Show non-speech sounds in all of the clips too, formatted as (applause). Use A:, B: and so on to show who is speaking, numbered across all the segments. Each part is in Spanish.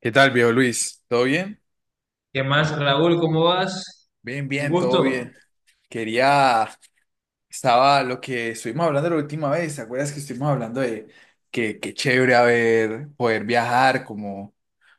A: ¿Qué tal, viejo Luis? ¿Todo bien?
B: ¿Qué más, Raúl? ¿Cómo vas?
A: Bien,
B: Un
A: bien, todo
B: gusto.
A: bien. Quería, estaba lo que estuvimos hablando la última vez. ¿Te acuerdas que estuvimos hablando de que qué chévere haber, poder viajar como,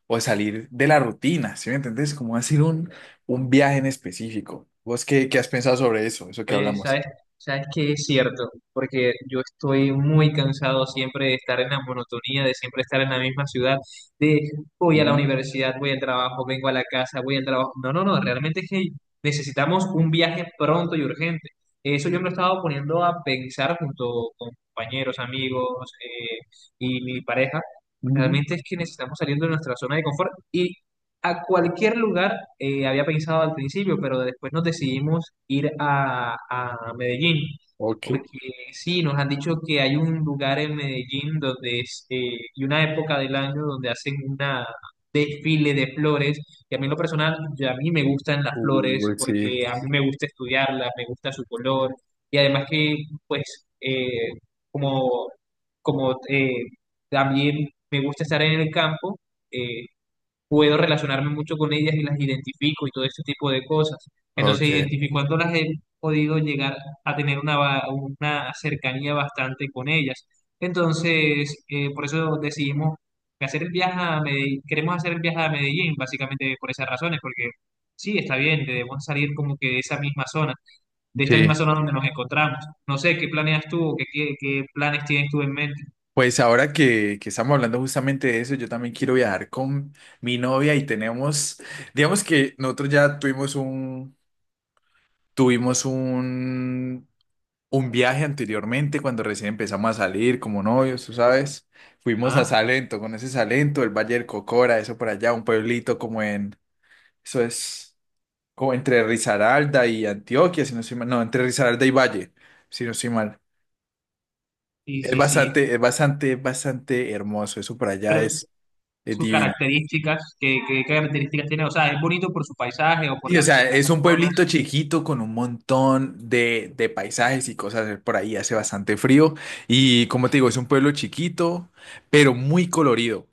A: o salir de la rutina? ¿Sí me entendés? Como hacer un, viaje en específico. ¿Vos qué, has pensado sobre eso que
B: Oye,
A: hablamos?
B: ¿sabes que es cierto? Porque yo estoy muy cansado siempre de estar en la monotonía, de siempre estar en la misma ciudad, de voy a la
A: Ujú,
B: universidad, voy al trabajo, vengo a la casa, voy al trabajo. No, no, no, realmente es que necesitamos un viaje pronto y urgente. Eso yo me lo estaba poniendo a pensar junto con compañeros, amigos y mi pareja.
A: ujú.
B: Realmente es que necesitamos salir de nuestra zona de confort y a cualquier lugar, había pensado al principio, pero después nos decidimos ir a Medellín,
A: Ok.
B: porque sí, nos han dicho que hay un lugar en Medellín donde es, y una época del año donde hacen una desfile de flores, y a mí en lo personal, ya a mí me gustan las flores,
A: Uy, sí.
B: porque a mí me gusta estudiarlas, me gusta su color, y además que, pues, como, como también me gusta estar en el campo, eh, puedo relacionarme mucho con ellas y las identifico y todo ese tipo de cosas. Entonces,
A: Ok.
B: identificándolas he podido llegar a tener una cercanía bastante con ellas. Entonces, por eso decidimos hacer el viaje a Medellín, queremos hacer el viaje a Medellín, básicamente por esas razones, porque sí, está bien, debemos salir como que de esa misma zona, de esta misma
A: Sí.
B: zona donde nos encontramos. No sé, ¿qué planeas tú o qué planes tienes tú en mente?
A: Pues ahora que estamos hablando justamente de eso, yo también quiero viajar con mi novia y digamos que nosotros ya tuvimos un, un viaje anteriormente cuando recién empezamos a salir como novios, tú sabes. Fuimos
B: Ajá,
A: a Salento, con ese Salento, el Valle del Cocora, eso por allá, un pueblito como en, eso es, como entre Risaralda y Antioquia, si no estoy mal, no, entre Risaralda y Valle, si no estoy mal. Es
B: sí.
A: bastante, es bastante, es bastante hermoso, eso por allá Es
B: Sus
A: divino.
B: características, qué características tiene, o sea, ¿es bonito por su paisaje o por
A: Y o sea,
B: las
A: es un
B: personas?
A: pueblito chiquito con un montón de paisajes y cosas por ahí, hace bastante frío. Y como te digo, es un pueblo chiquito, pero muy colorido.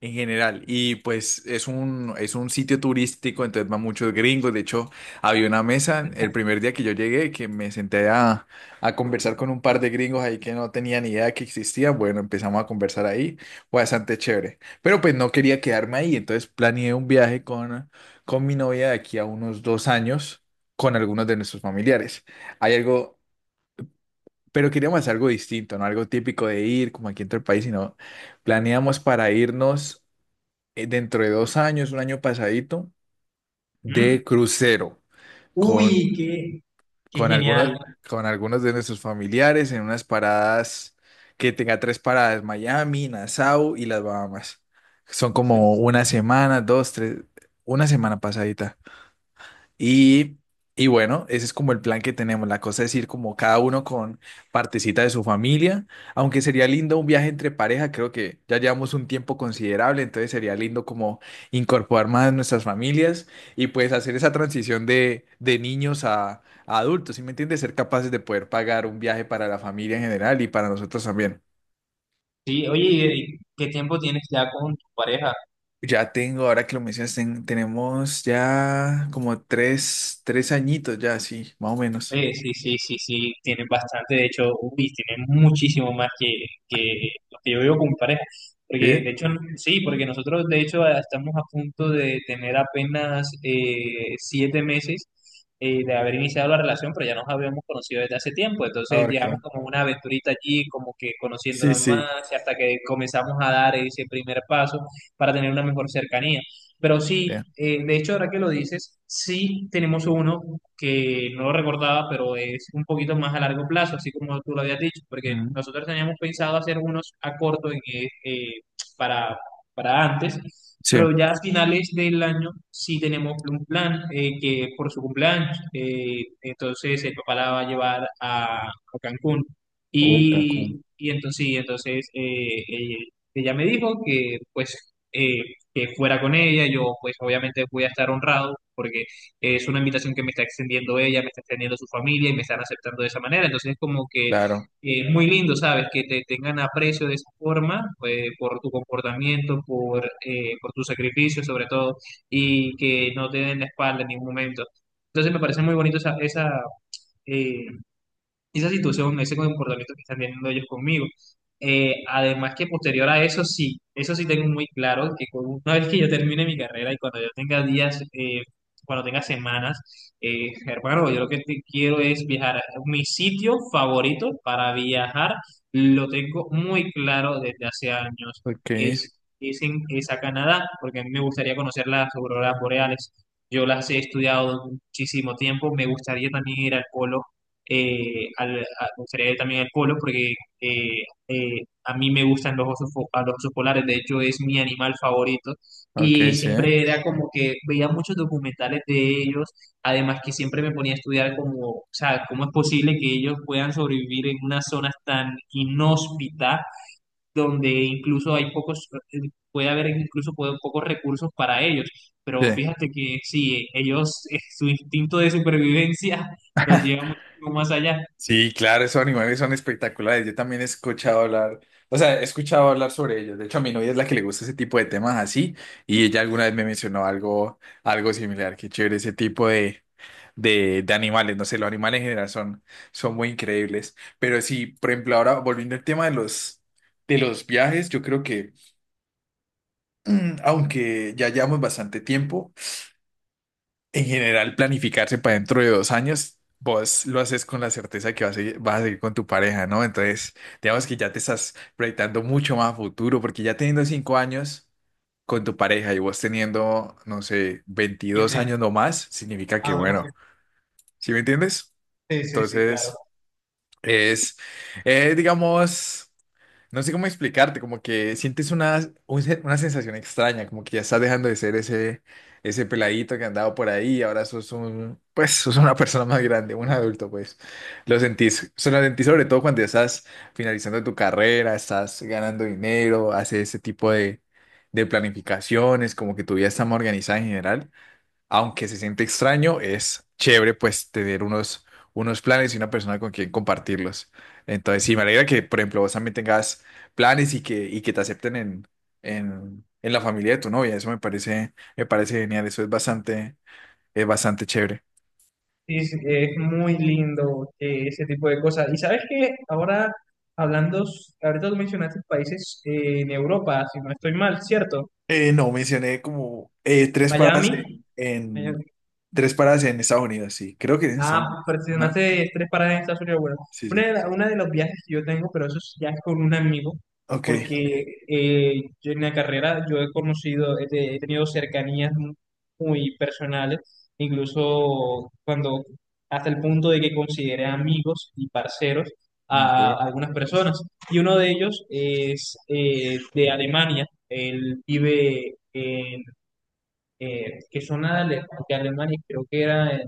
A: En general, y pues es un, sitio turístico, entonces van muchos gringos. De hecho, había una mesa el primer día que yo llegué que me senté a conversar con un par de gringos ahí que no tenían ni idea que existían. Bueno, empezamos a conversar ahí, fue bastante chévere. Pero pues no quería quedarme ahí, entonces planeé un viaje con mi novia de aquí a unos 2 años con algunos de nuestros familiares. Hay algo, pero queríamos hacer algo distinto, no algo típico de ir como aquí entre el país, sino planeamos para irnos dentro de 2 años, un año pasadito,
B: ¿Mm?
A: de crucero con,
B: Uy, qué, qué
A: con algunos,
B: genial.
A: con algunos de nuestros familiares en unas paradas que tenga tres paradas, Miami, Nassau y las Bahamas. Son como una semana, dos, tres, una semana pasadita. Y, y bueno, ese es como el plan que tenemos. La cosa es ir como cada uno con partecita de su familia, aunque sería lindo un viaje entre pareja, creo que ya llevamos un tiempo considerable, entonces sería lindo como incorporar más nuestras familias y pues hacer esa transición de niños a adultos, ¿sí me entiendes? Ser capaces de poder pagar un viaje para la familia en general y para nosotros también.
B: Sí, oye, ¿qué tiempo tienes ya con tu pareja?
A: Ya tengo, ahora que lo mencionas, tenemos ya como tres añitos ya, sí, más o menos.
B: Sí, tienen bastante, de hecho, uy, tienen muchísimo más que lo que yo veo con mi pareja, porque de
A: ¿Sí?
B: hecho, sí, porque nosotros de hecho ah, estamos a punto de tener apenas 7 meses de haber iniciado la relación, pero ya nos habíamos conocido desde hace tiempo, entonces llevamos
A: Ok.
B: como una aventurita allí, como que
A: Sí,
B: conociéndonos
A: sí.
B: más, y hasta que comenzamos a dar ese primer paso para tener una mejor cercanía. Pero
A: Sí.
B: sí, de hecho, ahora que lo dices, sí tenemos uno que no lo recordaba, pero es un poquito más a largo plazo, así como tú lo habías dicho, porque
A: Ujú.
B: nosotros teníamos pensado hacer unos a corto para, para antes,
A: Sí.
B: pero ya a finales del año sí tenemos un plan que por su cumpleaños, entonces el papá la va a llevar a Cancún.
A: Cancún,
B: Y entonces, sí, entonces ella me dijo que pues... que fuera con ella. Yo, pues, obviamente voy a estar honrado porque es una invitación que me está extendiendo ella, me está extendiendo su familia y me están aceptando de esa manera. Entonces, es como que
A: claro.
B: es muy lindo, ¿sabes? Que te tengan aprecio de esa forma, por tu comportamiento, por tu sacrificio, sobre todo, y que no te den la espalda en ningún momento. Entonces, me parece muy bonito eh, esa situación, ese comportamiento que están teniendo ellos conmigo. Además que posterior a eso sí tengo muy claro que una vez que yo termine mi carrera y cuando yo tenga días, cuando tenga semanas, hermano, yo lo que quiero es viajar. Mi sitio favorito para viajar lo tengo muy claro desde hace años
A: Ok,
B: y, sin, es a Canadá, porque a mí me gustaría conocer las auroras boreales. Yo las he estudiado muchísimo tiempo, me gustaría también ir al polo, me gustaría ir también al polo porque a mí me gustan los osos, a los osos polares, de hecho es mi animal favorito y
A: ok, sí.
B: siempre era como que veía muchos documentales de ellos, además que siempre me ponía a estudiar como, o sea, cómo es posible que ellos puedan sobrevivir en unas zonas tan inhóspitas donde incluso hay pocos, puede haber incluso pocos recursos para ellos, pero
A: Sí.
B: fíjate que sí, ellos, (laughs) su instinto de supervivencia (laughs) los lleva
A: (laughs)
B: muchísimo más allá.
A: Sí, claro, esos animales son espectaculares. Yo también he escuchado hablar, o sea, he escuchado hablar sobre ellos. De hecho, a mi novia es la que le gusta ese tipo de temas así, y ella alguna vez me mencionó algo, similar. Qué chévere ese tipo de animales. No sé, los animales en general son, muy increíbles. Pero sí, por ejemplo, ahora volviendo al tema de los viajes, yo creo que, (clears throat) aunque ya llevamos bastante tiempo, en general, planificarse para dentro de 2 años, vos lo haces con la certeza que vas a, seguir con tu pareja, ¿no? Entonces, digamos que ya te estás proyectando mucho más a futuro, porque ya teniendo 5 años con tu pareja y vos teniendo, no sé, 22
B: Siempre.
A: años no más, significa que,
B: Ah, bueno, sí.
A: bueno, ¿sí me entiendes?
B: Sí, sí, sí, claro.
A: Entonces, es, digamos. No sé cómo explicarte, como que sientes una, una sensación extraña, como que ya estás dejando de ser ese, peladito que andaba por ahí ahora pues, sos una (laughs) persona más grande, un adulto, pues. Se lo sentís sobre todo cuando ya estás finalizando tu carrera, estás ganando dinero, haces ese tipo de planificaciones, como que tu vida está más organizada en general aunque se siente extraño, es chévere pues tener unos planes y una persona con quien compartirlos. Entonces, sí, me alegra que, por ejemplo, vos también tengas planes y que te acepten en, la familia de tu novia. Eso me parece genial. Eso es bastante chévere.
B: Sí, sí, es muy lindo ese tipo de cosas. Y sabes que ahora, ahorita tú mencionaste países en Europa, si no estoy mal, ¿cierto?
A: No, mencioné como tres paradas
B: Miami.
A: en, tres paradas en Estados Unidos, sí. Creo que es en Estados
B: Ah,
A: Unidos. Ajá.
B: mencionaste tres paradas en Estados Unidos. Bueno,
A: Sí, sí.
B: una de los viajes que yo tengo, pero eso es ya con un amigo,
A: Ok.
B: porque yo en la carrera yo he conocido, he, te- he tenido cercanías muy personales, incluso cuando, hasta el punto de que consideré amigos y parceros a
A: Ok.
B: algunas personas. Y uno de ellos es de Alemania, él vive en, eh, que son ale- de Alemania, creo que era.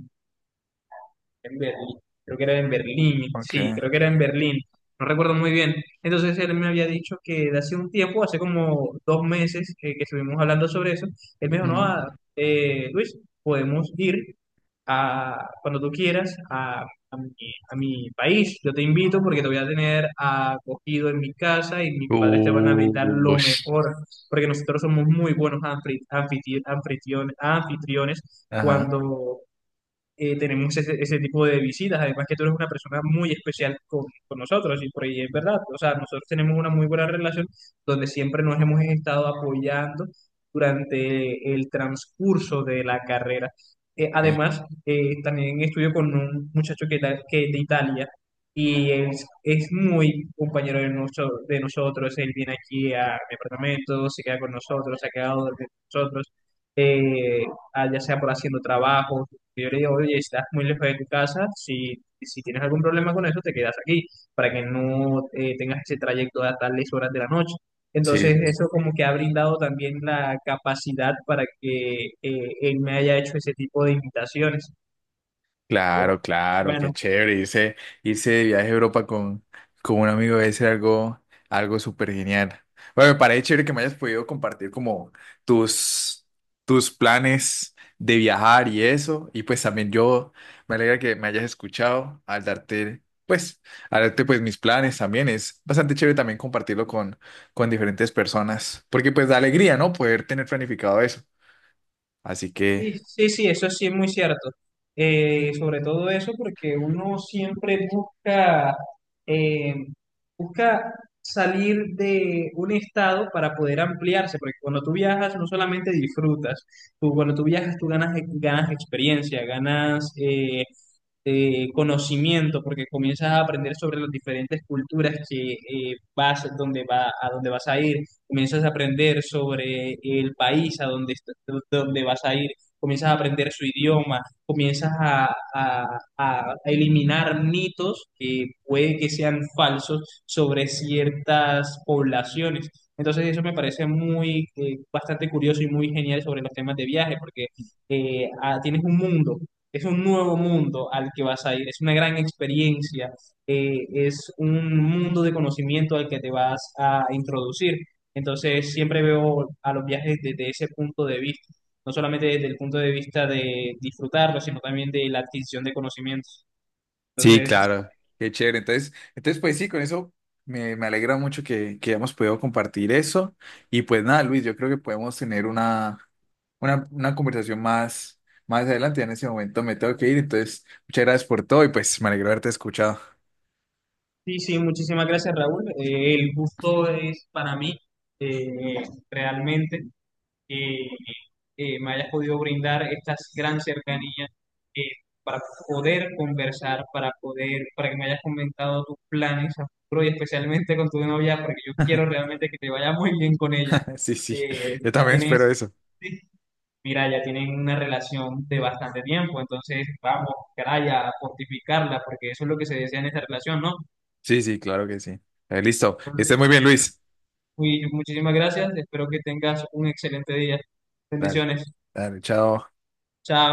B: En Berlín,
A: Ok.
B: creo que era en Berlín, no recuerdo muy bien. Entonces él me había dicho que de hace un tiempo, hace como 2 meses que estuvimos hablando sobre eso, él me dijo, no,
A: Ujú.
B: ah, Luis, podemos ir cuando tú quieras a a mi país, yo te invito porque te voy a tener acogido en mi casa y mis padres te van a brindar lo
A: Ush.
B: mejor, porque nosotros somos muy buenos anfitriones
A: Ajá.
B: cuando tenemos ese tipo de visitas. Además que tú eres una persona muy especial con nosotros y por ahí es verdad. O sea, nosotros tenemos una muy buena relación donde siempre nos hemos estado apoyando durante el transcurso de la carrera.
A: Ok.
B: Además, también estudio con un muchacho que es de Italia y es muy compañero de nosotros. Él viene aquí a mi apartamento, se queda con nosotros, se ha quedado con nosotros, eh, ya sea por haciendo trabajo, yo le digo, oye, estás muy lejos de tu casa, si tienes algún problema con eso, te quedas aquí, para que no tengas ese trayecto a tales horas de la noche.
A: Sí,
B: Entonces,
A: sí.
B: eso como que ha brindado también la capacidad para que él me haya hecho ese tipo de invitaciones.
A: Claro, claro, qué
B: Bueno,
A: chévere. Irse de viaje a Europa con, un amigo debe ser algo súper genial. Bueno, me parece chévere que me hayas podido compartir como tus, tus planes de viajar y eso. Y pues también yo me alegra que me hayas escuchado pues, al darte pues mis planes también. Es bastante chévere también compartirlo con diferentes personas. Porque pues da alegría, ¿no? Poder tener planificado eso. Así que.
B: sí, sí, sí, eso sí es muy cierto. Sobre todo eso porque uno siempre busca, eh, busca salir de un estado para poder ampliarse, porque cuando tú viajas no solamente disfrutas, tú, cuando tú viajas tú ganas, ganas experiencia, ganas, de conocimiento, porque comienzas a aprender sobre las diferentes culturas que vas, donde va, a donde vas a ir, comienzas a aprender sobre el país a donde vas a ir, comienzas a aprender su idioma, comienzas a, a- a eliminar mitos que puede que sean falsos sobre ciertas poblaciones. Entonces eso me parece muy, bastante curioso y muy genial sobre los temas de viaje, porque tienes un mundo es un nuevo mundo al que vas a ir, es una gran experiencia, es un mundo de conocimiento al que te vas a introducir. Entonces, siempre veo a los viajes desde ese punto de vista, no solamente desde el punto de vista de disfrutarlo, sino también de la adquisición de conocimientos.
A: Sí,
B: Entonces,
A: claro, qué chévere. Entonces pues sí, con eso me alegra mucho que hayamos podido compartir eso. Y pues nada, Luis, yo creo que podemos tener una, una conversación más adelante. Ya en ese momento me tengo que ir, entonces muchas gracias por todo y pues me alegro haberte escuchado.
B: sí, sí, muchísimas gracias, Raúl. El gusto es para mí, eh, realmente. eh, Me hayas podido brindar esta gran cercanía eh, para poder conversar, para poder, para que me hayas comentado tus planes a futuro y especialmente con tu novia, porque yo quiero realmente que te vaya muy bien con ella.
A: (laughs) Sí, sí,
B: Eh,
A: yo
B: ya
A: también espero
B: tienes,
A: eso.
B: sí, mira, ya tienen una relación de bastante tiempo, entonces vamos, caray, a fortificarla, porque eso es lo que se desea en esta relación, ¿no?
A: Sí, sí, claro que sí. Listo, que estés muy bien, Luis.
B: Muy- muchísimas gracias, espero que tengas un excelente día.
A: Dale,
B: Bendiciones,
A: dale, chao.
B: chao.